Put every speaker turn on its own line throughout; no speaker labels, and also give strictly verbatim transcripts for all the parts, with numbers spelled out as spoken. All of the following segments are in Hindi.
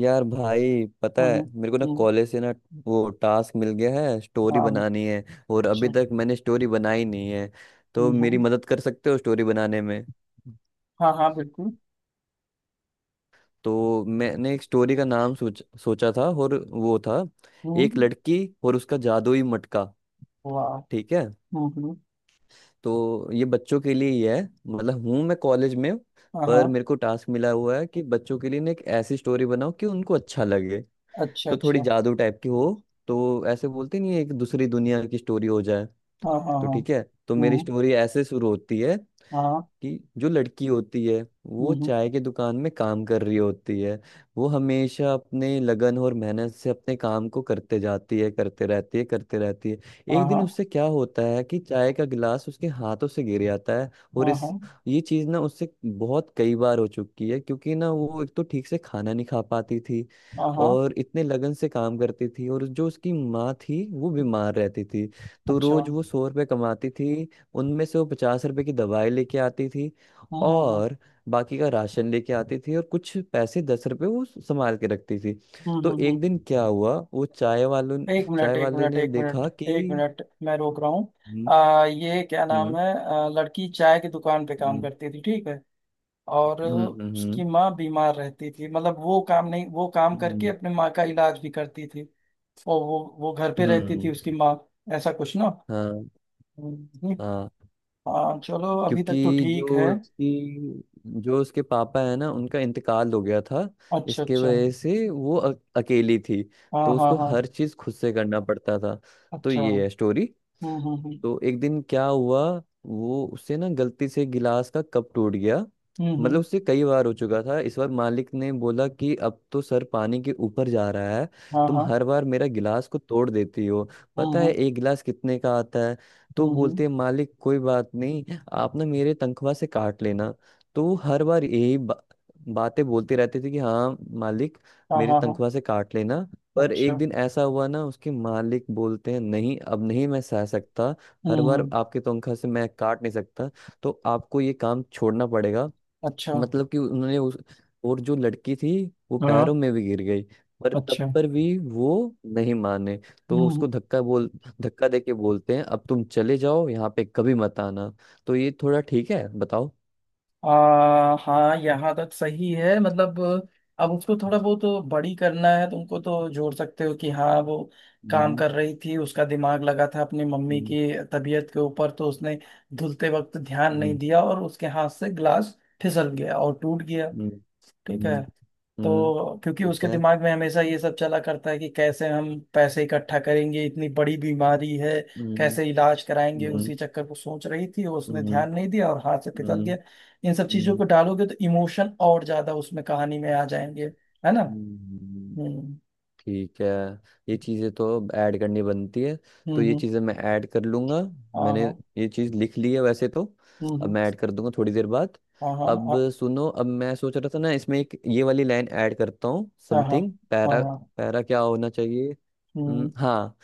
यार भाई पता
हम्म। हम्म।
है मेरे को ना
हम्म,
कॉलेज से ना वो टास्क मिल गया है। स्टोरी
हाँ।
बनानी है और
अच्छा।
अभी तक मैंने स्टोरी बनाई नहीं है। तो
हम्म
मेरी
हम्म,
मदद कर सकते हो स्टोरी बनाने में?
हाँ हाँ बिल्कुल।
तो मैंने एक स्टोरी का नाम सोच सोचा था और वो था, एक
हम्म।
लड़की और उसका जादुई मटका।
वाह।
ठीक है।
हम्म हम्म,
तो ये बच्चों के लिए ही है, मतलब हूँ मैं कॉलेज में,
हाँ
पर
हाँ।
मेरे को टास्क मिला हुआ है कि बच्चों के लिए ना एक ऐसी स्टोरी बनाओ कि उनको अच्छा लगे।
अच्छा
तो थोड़ी
अच्छा।
जादू टाइप की हो। तो ऐसे बोलते नहीं है, एक दूसरी दुनिया की स्टोरी हो जाए।
हाँ हाँ
तो
हाँ।
ठीक है। तो मेरी
हम्म।
स्टोरी ऐसे शुरू होती है
हाँ हाँ,
कि जो लड़की होती है वो
हम्म।
चाय की दुकान में काम कर रही होती है। वो हमेशा अपने लगन और मेहनत से अपने काम को करते जाती है, करते रहती है करते रहती है
हाँ
एक दिन
हाँ
उससे क्या होता है कि चाय का गिलास उसके हाथों से गिर जाता है। और
हाँ
इस
हाँ
ये चीज ना उससे बहुत कई बार हो चुकी है क्योंकि ना वो एक तो ठीक से खाना नहीं खा पाती थी
हाँ हाँ, हाँ,
और इतने लगन से काम करती थी। और जो उसकी माँ थी वो बीमार रहती थी। तो
अच्छा।
रोज
हम्म
वो सौ रुपये कमाती थी। उनमें से वो पचास रुपए की दवाई लेके आती थी
हम्म हम्म
और बाकी का राशन लेके आती थी, और कुछ पैसे दस रुपए वो संभाल के रखती थी।
हम्म
तो
हम्म,
एक दिन
हम्म।
क्या हुआ, वो चाय वालों
एक मिनट,
चाय
एक
वाले
मिनट,
ने
एक मिनट,
देखा
एक
कि
मिनट, मैं रोक रहा हूँ।
हम्म
आ ये क्या नाम
हम्म
है, आ, लड़की चाय की दुकान पे काम
हम्म
करती थी, ठीक है। और
हम्म हम्म
उसकी माँ बीमार रहती थी, मतलब वो काम नहीं वो काम करके
हम्म
अपने माँ का इलाज भी करती थी। और वो वो घर पे रहती थी
हम्म,
उसकी माँ, ऐसा कुछ ना।
हाँ
हम्म,
हाँ।
हाँ चलो अभी तक तो
क्योंकि जो
ठीक है।
उसकी जो उसके पापा है ना उनका इंतकाल हो गया था।
अच्छा
इसके
अच्छा।
वजह से वो अ- अकेली थी।
हाँ
तो
हाँ
उसको
हाँ।
हर चीज खुद से करना पड़ता था। तो
अच्छा।
ये है
हम्म
स्टोरी।
हम्म
तो एक दिन क्या हुआ, वो उससे ना गलती से गिलास का कप टूट गया।
हम्म हम्म
मतलब
हम्म,
उससे कई बार हो चुका था, इस बार मालिक ने बोला कि अब तो सर पानी के ऊपर जा रहा है।
हाँ
तुम
हाँ।
हर बार मेरा गिलास को तोड़ देती हो,
हम्म
पता है
हम्म
एक गिलास कितने का आता है? तो
हम्म
बोलते
हम्म,
हैं, मालिक कोई बात नहीं, आप ना मेरे तनख्वाह से काट लेना। तो वो हर बार यही बा, बातें बोलते रहते थे कि हाँ मालिक,
हाँ
मेरी
हाँ हाँ।
तनख्वाह से काट लेना। पर
अच्छा।
एक दिन ऐसा हुआ ना, उसके मालिक बोलते हैं नहीं अब नहीं मैं सह सकता। हर
हम्म
बार
हम्म,
आपके तनख्वाह से मैं काट नहीं सकता, तो आपको ये काम छोड़ना पड़ेगा।
अच्छा।
मतलब कि उन्होंने उस और जो लड़की थी वो
हाँ।
पैरों में भी गिर गई। पर तब
अच्छा।
पर भी वो नहीं माने।
हम्म
तो उसको
हम्म।
धक्का बोल धक्का दे के बोलते हैं अब तुम चले जाओ यहाँ पे कभी मत आना। तो ये थोड़ा ठीक है बताओ?
आ, हाँ, यहाँ तक सही है, मतलब अब उसको थोड़ा बहुत बड़ी करना है तुमको, तो जोड़ सकते हो कि हाँ वो काम
हम्म
कर रही थी, उसका दिमाग लगा था अपनी मम्मी
हम्म
की तबीयत के ऊपर, तो उसने धुलते वक्त ध्यान नहीं
हम्म
दिया और उसके हाथ से ग्लास फिसल गया और टूट गया।
हम्म
ठीक
हम्म
है।
हम्म।
तो क्योंकि
ठीक
उसके
है।
दिमाग में हमेशा ये सब चला करता है कि कैसे हम पैसे इकट्ठा करेंगे, इतनी बड़ी बीमारी है,
हम्म
कैसे इलाज कराएंगे,
हम्म
उसी चक्कर को सोच रही थी, उसने
हम्म
ध्यान नहीं दिया और हाथ से फिसल
हम्म
गया। इन सब चीजों
हम्म
को डालोगे तो इमोशन और ज्यादा उसमें कहानी में आ जाएंगे, है ना।
हम्म, हम्म।
हम्म।
ठीक है। ये चीज़ें तो अब ऐड करनी बनती है,
हम्म
तो ये
हम्म।
चीज़ें मैं ऐड कर लूँगा।
हाँ
मैंने
हाँ।
ये चीज़ लिख ली है वैसे तो,
हम्म
अब मैं
हम्म,
ऐड कर दूंगा थोड़ी देर बाद।
हाँ हाँ
अब
हाँ
सुनो, अब मैं सोच रहा था ना इसमें एक ये वाली लाइन ऐड करता हूँ
हाँ हाँ
समथिंग
हाँ
पैरा।
हाँ,
पैरा क्या होना चाहिए?
हम्म।
हम्म, हाँ।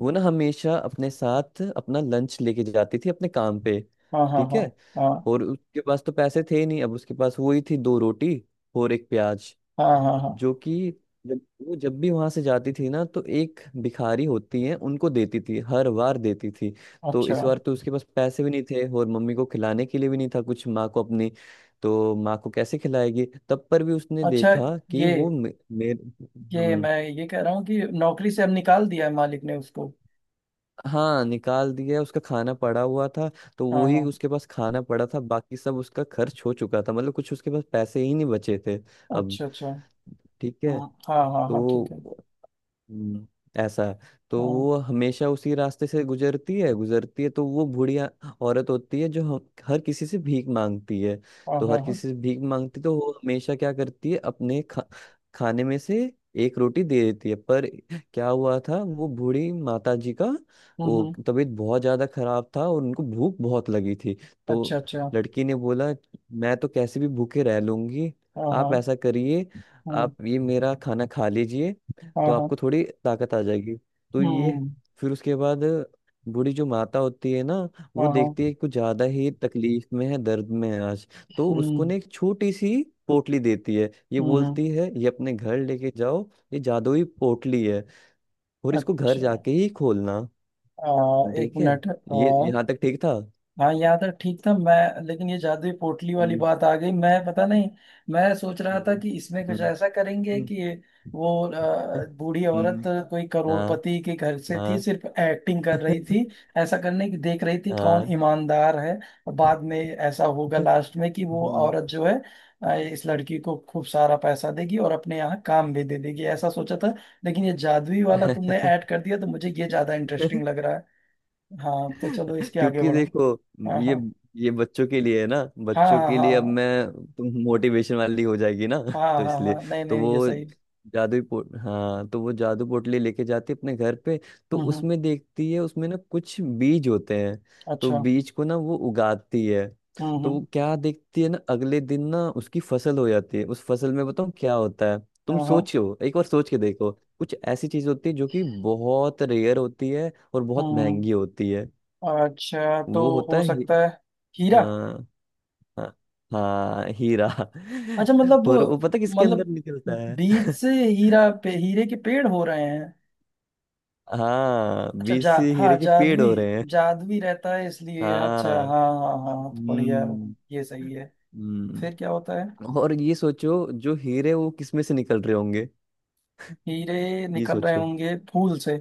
वो ना हमेशा अपने साथ अपना लंच लेके जाती थी अपने काम पे।
हाँ हाँ
ठीक
हाँ
है।
हाँ
और उसके पास तो पैसे थे नहीं, अब उसके पास वही थी दो रोटी और एक प्याज।
हाँ हाँ हाँ।
जो कि जब वो जब भी वहां से जाती थी ना तो एक भिखारी होती है उनको देती थी, हर बार देती थी। तो
अच्छा
इस बार तो उसके पास पैसे भी नहीं थे और मम्मी को खिलाने के लिए भी नहीं था कुछ, माँ को अपनी। तो माँ को कैसे खिलाएगी? तब पर भी उसने
अच्छा।
देखा कि
ये
वो मे, मे,
ये
हम,
मैं ये कह रहा हूँ कि नौकरी से अब निकाल दिया है मालिक ने उसको।
हाँ निकाल दिया, उसका खाना पड़ा हुआ था। तो
हाँ
वही
हाँ।
उसके पास खाना पड़ा था, बाकी सब उसका खर्च हो चुका था, मतलब कुछ उसके पास पैसे ही नहीं बचे थे। अब
अच्छा अच्छा।
ठीक है।
हाँ हाँ हाँ हाँ
तो
ठीक है।
हम्म, ऐसा है। तो
हाँ
वो हमेशा उसी रास्ते से गुजरती है गुजरती है तो वो बूढ़िया औरत होती है जो हम- हर किसी से भीख मांगती है।
हाँ
तो
हाँ
हर
हाँ।
किसी से भीख मांगती, तो वो हमेशा क्या करती है अपने खा, खाने में से एक रोटी दे देती है। पर क्या हुआ था वो बूढ़ी माता जी का,
हम्म
वो
हम्म,
तबीयत बहुत ज्यादा खराब था और उनको भूख बहुत लगी थी। तो
अच्छा अच्छा।
लड़की ने बोला, मैं तो कैसे भी भूखे रह लूंगी,
हाँ
आप
हाँ
ऐसा करिए,
हाँ
आप ये मेरा खाना खा लीजिए
हाँ
तो
हाँ।
आपको थोड़ी ताकत आ जाएगी। तो ये,
हम्म।
फिर उसके बाद बूढ़ी जो माता होती है ना वो
हाँ हाँ।
देखती है कि कुछ ज्यादा ही तकलीफ में है, दर्द में है आज। तो उसको
हम्म
ना एक छोटी सी पोटली देती है, ये
हम्म हम्म।
बोलती है ये अपने घर लेके जाओ, ये जादुई पोटली है और इसको घर
अच्छा।
जाके ही खोलना।
आ, एक
ठीक है।
मिनट, आ,
ये यहाँ तक ठीक था।
हाँ याद है, ठीक था मैं, लेकिन ये जादुई पोटली वाली
हम्म
बात आ गई, मैं पता नहीं। मैं सोच रहा था
हम्म
कि इसमें कुछ ऐसा करेंगे
हम्म
कि ये वो
हम्म,
अ, बूढ़ी औरत
हम्म,
कोई
हाँ
करोड़पति के घर से थी,
हाँ
सिर्फ एक्टिंग कर रही थी, ऐसा करने की देख रही थी कौन
हाँ
ईमानदार है। बाद में ऐसा होगा लास्ट में कि वो
हम्म।
औरत जो है अ, इस लड़की को खूब सारा पैसा देगी और अपने यहाँ काम भी दे देगी, ऐसा सोचा था। लेकिन ये जादुई वाला तुमने ऐड कर दिया तो मुझे ये ज्यादा इंटरेस्टिंग लग रहा है। हाँ तो चलो इसके आगे
क्योंकि
बढ़ो।
देखो
हाँ
ये
हाँ
ये बच्चों के लिए है ना।
हाँ
बच्चों
हाँ
के लिए अब
हाँ
मैं, तुम मोटिवेशन वाली हो जाएगी ना
हाँ हाँ
तो
हाँ
इसलिए,
हाँ, नहीं
तो
नहीं ये
वो
सही।
जादुई पोट हाँ तो वो जादू पोटली लेके जाती है अपने घर पे। तो
हम्म हम्म।
उसमें देखती है उसमें ना कुछ बीज होते हैं। तो
अच्छा।
बीज को ना वो उगाती है।
हम्म
तो
हम्म।
वो क्या देखती है ना अगले दिन ना उसकी फसल हो जाती है। उस फसल में बताऊँ क्या होता है? तुम
हाँ हाँ।
सोचो एक बार सोच के देखो, कुछ ऐसी चीज होती है जो कि बहुत रेयर होती है और बहुत
हम्म।
महंगी होती है।
अच्छा तो
वो होता
हो
है ही,
सकता है हीरा।
हाँ हाँ, हाँ हीरा।
अच्छा, मतलब
और वो पता किसके अंदर
मतलब
निकलता है?
बीज से हीरा पे हीरे के पेड़ हो रहे हैं।
हाँ
अच्छा,
बीच
जा
से
हाँ
हीरे के पेड़
जादुई
हो रहे हैं।
जादुई रहता है इसलिए, अच्छा हाँ
हाँ
हाँ हाँ हाँ, तो बढ़िया।
हम्म
ये सही है। फिर क्या
हम्म।
होता है।
और ये सोचो जो हीरे वो किसमें से निकल रहे होंगे?
हीरे
ये
निकल रहे
सोचो,
होंगे फूल से।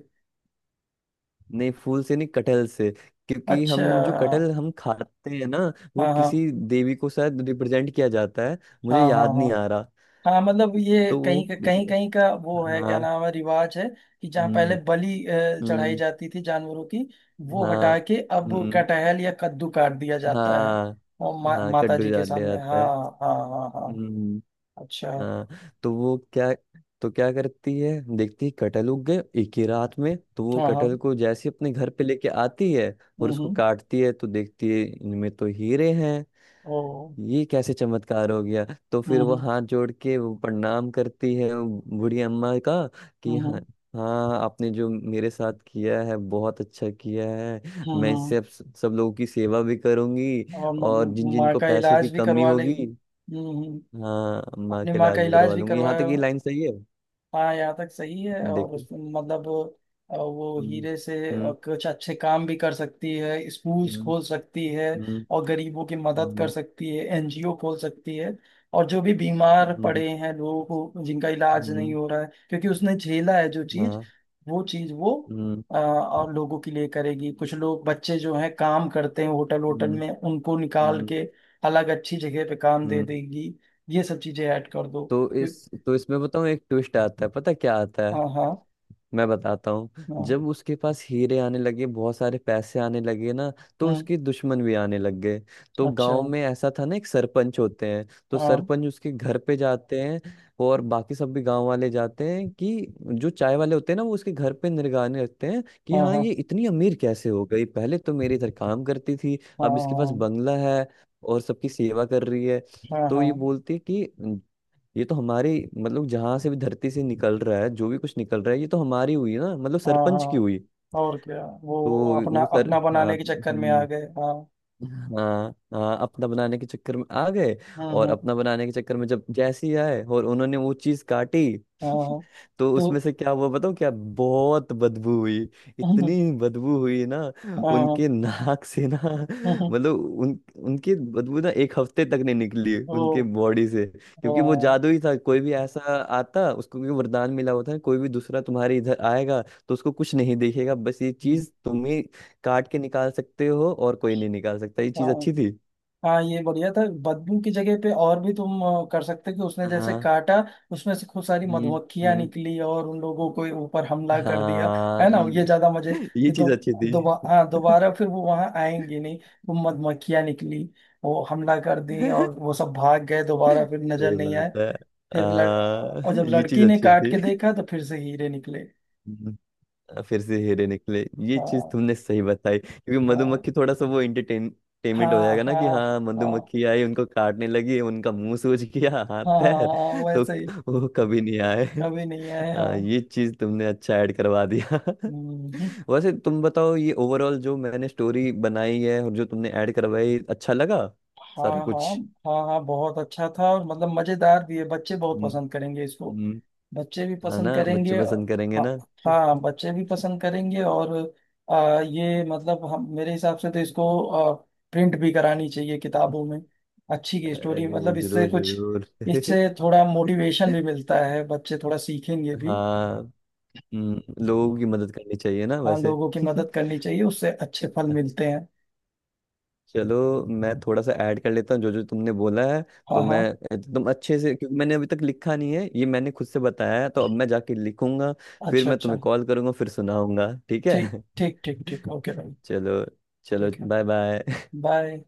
नहीं फूल से नहीं, कटहल से। क्योंकि हम
अच्छा।
जो कटहल हम खाते हैं ना वो
हाँ हाँ
किसी देवी को शायद रिप्रेजेंट किया जाता है।
हाँ
मुझे
हाँ
याद
हाँ
नहीं आ रहा।
हाँ, मतलब ये
तो वो,
कहीं कहीं कहीं का वो है, क्या
हाँ
नाम है, रिवाज है कि जहाँ पहले
हम्म
बलि अ, चढ़ाई
हम्म
जाती थी जानवरों की, वो
हाँ
हटा के अब
हम्म
कटहल या कद्दू काट दिया जाता है
हाँ
और मा,
हाँ
माता
कड्डू
जी के
जाने
सामने।
आता
हाँ
है।
हाँ हाँ हाँ।
हम्म
अच्छा।
हाँ। तो वो क्या तो क्या करती है, देखती है कटहल उग गए एक ही रात में। तो वो
हाँ हाँ।
कटहल को जैसे अपने घर पे लेके आती है और
हम्म
उसको
हम्म।
काटती है तो देखती है इनमें तो हीरे हैं।
ओ।
ये कैसे चमत्कार हो गया। तो
हम्म
फिर वो
हम्म
हाथ जोड़ के वो प्रणाम करती है वो बूढ़ी अम्मा का कि हाँ,
हम्म
हाँ आपने जो मेरे साथ किया है बहुत अच्छा किया है,
हम्म
मैं
हम्म। हम्म।
इससे अब स- सब लोगों की सेवा भी करूंगी।
और म-
और जिन
म-
जिन
माँ
को
का
पैसों की
इलाज भी
कमी
करवा
होगी,
लेंगी। हम्म हम्म।
हाँ अम्मा
अपनी
के
माँ
इलाज
का
भी
इलाज
करवा
भी
लूंगी। यहाँ तक
करवाया।
ये लाइन सही है?
हाँ यहाँ तक सही है, और
देखो
उसमें मतलब अ, वो
हम्म
हीरे से अ,
हम्म
कुछ अच्छे काम भी कर सकती है, स्कूल्स खोल सकती है
हम्म
और गरीबों की मदद कर
हम्म
सकती है, एनजीओ खोल सकती है, और जो भी बीमार
हम्म हम्म
पड़े हैं लोगों को, जिनका इलाज नहीं
हम्म,
हो रहा है, क्योंकि उसने झेला है जो चीज,
हाँ
वो चीज वो
हम्म
अ, और लोगों के लिए करेगी। कुछ लोग बच्चे जो हैं काम करते हैं होटल होटल
हम्म
में, उनको निकाल
हम्म
के अलग अच्छी जगह पे काम दे
हम्म।
देगी। ये सब चीजें ऐड कर दो।
तो
फिर-
इस तो इसमें बताऊँ एक ट्विस्ट आता है, पता क्या आता है?
हाँ हाँ
मैं बताता हूँ। जब
हाँ।
उसके पास हीरे आने लगे बहुत सारे पैसे आने लगे ना तो
हम्म।
उसके दुश्मन भी आने लग गए। तो
अच्छा।
गांव में ऐसा था ना, एक सरपंच होते हैं। तो
हाँ
सरपंच उसके घर पे जाते हैं और बाकी सब भी गांव वाले जाते हैं, कि जो चाय वाले होते हैं ना वो उसके घर पे निगरानी रखते हैं कि
हाँ
हाँ
हाँ
ये इतनी अमीर कैसे हो गई, पहले तो मेरे इधर काम करती थी अब इसके पास
हाँ
बंगला है और सबकी सेवा कर रही है।
हाँ
तो
हाँ
ये बोलती है कि ये तो हमारी, मतलब जहां से भी धरती से निकल रहा है जो भी कुछ निकल रहा है ये तो हमारी हुई ना, मतलब
हाँ हाँ
सरपंच की
हाँ,
हुई।
और क्या,
तो
वो अपना
वो सर
अपना
हाँ
बनाने के चक्कर में आ
हम्म,
गए, हाँ।
हाँ हाँ अपना बनाने के चक्कर में आ गए।
हाँ
और
हाँ।
अपना बनाने के चक्कर में जब जैसी आए और उन्होंने वो चीज काटी
हाँ
तो
तो
उसमें से क्या हुआ बताऊँ क्या? बहुत बदबू हुई,
हाँ
इतनी बदबू हुई ना
हाँ,
उनके नाक से ना, मतलब उन उनकी बदबू ना एक हफ्ते तक नहीं निकली उनके
वो
बॉडी से। क्योंकि वो
हाँ
जादू ही था, कोई भी ऐसा आता उसको भी वरदान मिला होता है, कोई भी दूसरा तुम्हारे इधर आएगा तो उसको कुछ नहीं देखेगा, बस ये चीज तुम ही काट के निकाल सकते हो और कोई नहीं निकाल सकता। ये चीज
हाँ,
अच्छी थी।
हाँ ये बढ़िया था। बदबू की जगह पे और भी तुम अ, कर सकते हो कि उसने जैसे
हाँ
काटा, उसमें से खूब सारी
हम्म
मधुमक्खियां
हम्म
निकली और उन लोगों को ऊपर हमला कर दिया,
हाँ
है ना, ये
ये,
ज्यादा मजे,
ये
ये दो।
चीज अच्छी थी।
दोबा, हाँ दोबारा, फिर वो वहां आएंगे नहीं। वो मधुमक्खियां निकली, वो हमला कर दी और वो सब भाग गए, दोबारा फिर नजर
सही
नहीं आए।
बात है।
फिर लड़ और
आ,
जब
ये चीज
लड़की ने
अच्छी
काट के
थी।
देखा तो फिर से हीरे निकले।
हम्म, आ, फिर से हीरे निकले। ये चीज
हाँ
तुमने सही बताई क्योंकि
हाँ
मधुमक्खी, थोड़ा सा वो एंटरटेनमेंट हो
हाँ
जाएगा ना, कि
हाँ
हाँ
हाँ
मधुमक्खी आई उनको काटने लगी, उनका मुंह सूज गया, हाथ
हाँ हाँ
पैर।
हाँ,
तो
वैसे ही।
वो कभी नहीं आए।
कभी नहीं आए,
आ,
हाँ।
ये चीज तुमने अच्छा ऐड करवा दिया।
हम्म।
वैसे तुम बताओ ये ओवरऑल जो मैंने स्टोरी बनाई है और जो तुमने ऐड करवाई अच्छा लगा
हाँ
सारा कुछ?
हाँ। हाँ हाँ बहुत अच्छा था, और मतलब मजेदार भी है, बच्चे बहुत
हम्म,
पसंद करेंगे इसको।
हम्म,
बच्चे भी
है
पसंद
ना बच्चे
करेंगे
पसंद करेंगे
हाँ।
ना?
हाँ बच्चे भी पसंद करेंगे और आ, ये मतलब, हम मेरे हिसाब से तो इसको आ, प्रिंट भी करानी चाहिए किताबों में, अच्छी की स्टोरी,
अरे
मतलब इससे
जरूर
कुछ,
जरूर।
इससे थोड़ा मोटिवेशन भी मिलता है, बच्चे थोड़ा सीखेंगे भी।
हाँ हम्म, लोगों की मदद करनी चाहिए ना
हाँ
वैसे।
लोगों की मदद करनी चाहिए, उससे अच्छे फल मिलते हैं।
चलो, मैं थोड़ा सा ऐड कर लेता हूँ जो जो तुमने बोला है।
हाँ
तो मैं
हाँ।
एकदम अच्छे से, क्योंकि मैंने अभी तक लिखा नहीं है, ये मैंने खुद से बताया है तो अब मैं जाके लिखूंगा। फिर
अच्छा
मैं
अच्छा।
तुम्हें कॉल करूंगा फिर सुनाऊंगा, ठीक है?
ठीक ठीक ठीक ठीक, ओके भाई।
चलो, चलो
ठीक है।
Bye bye.
बाय।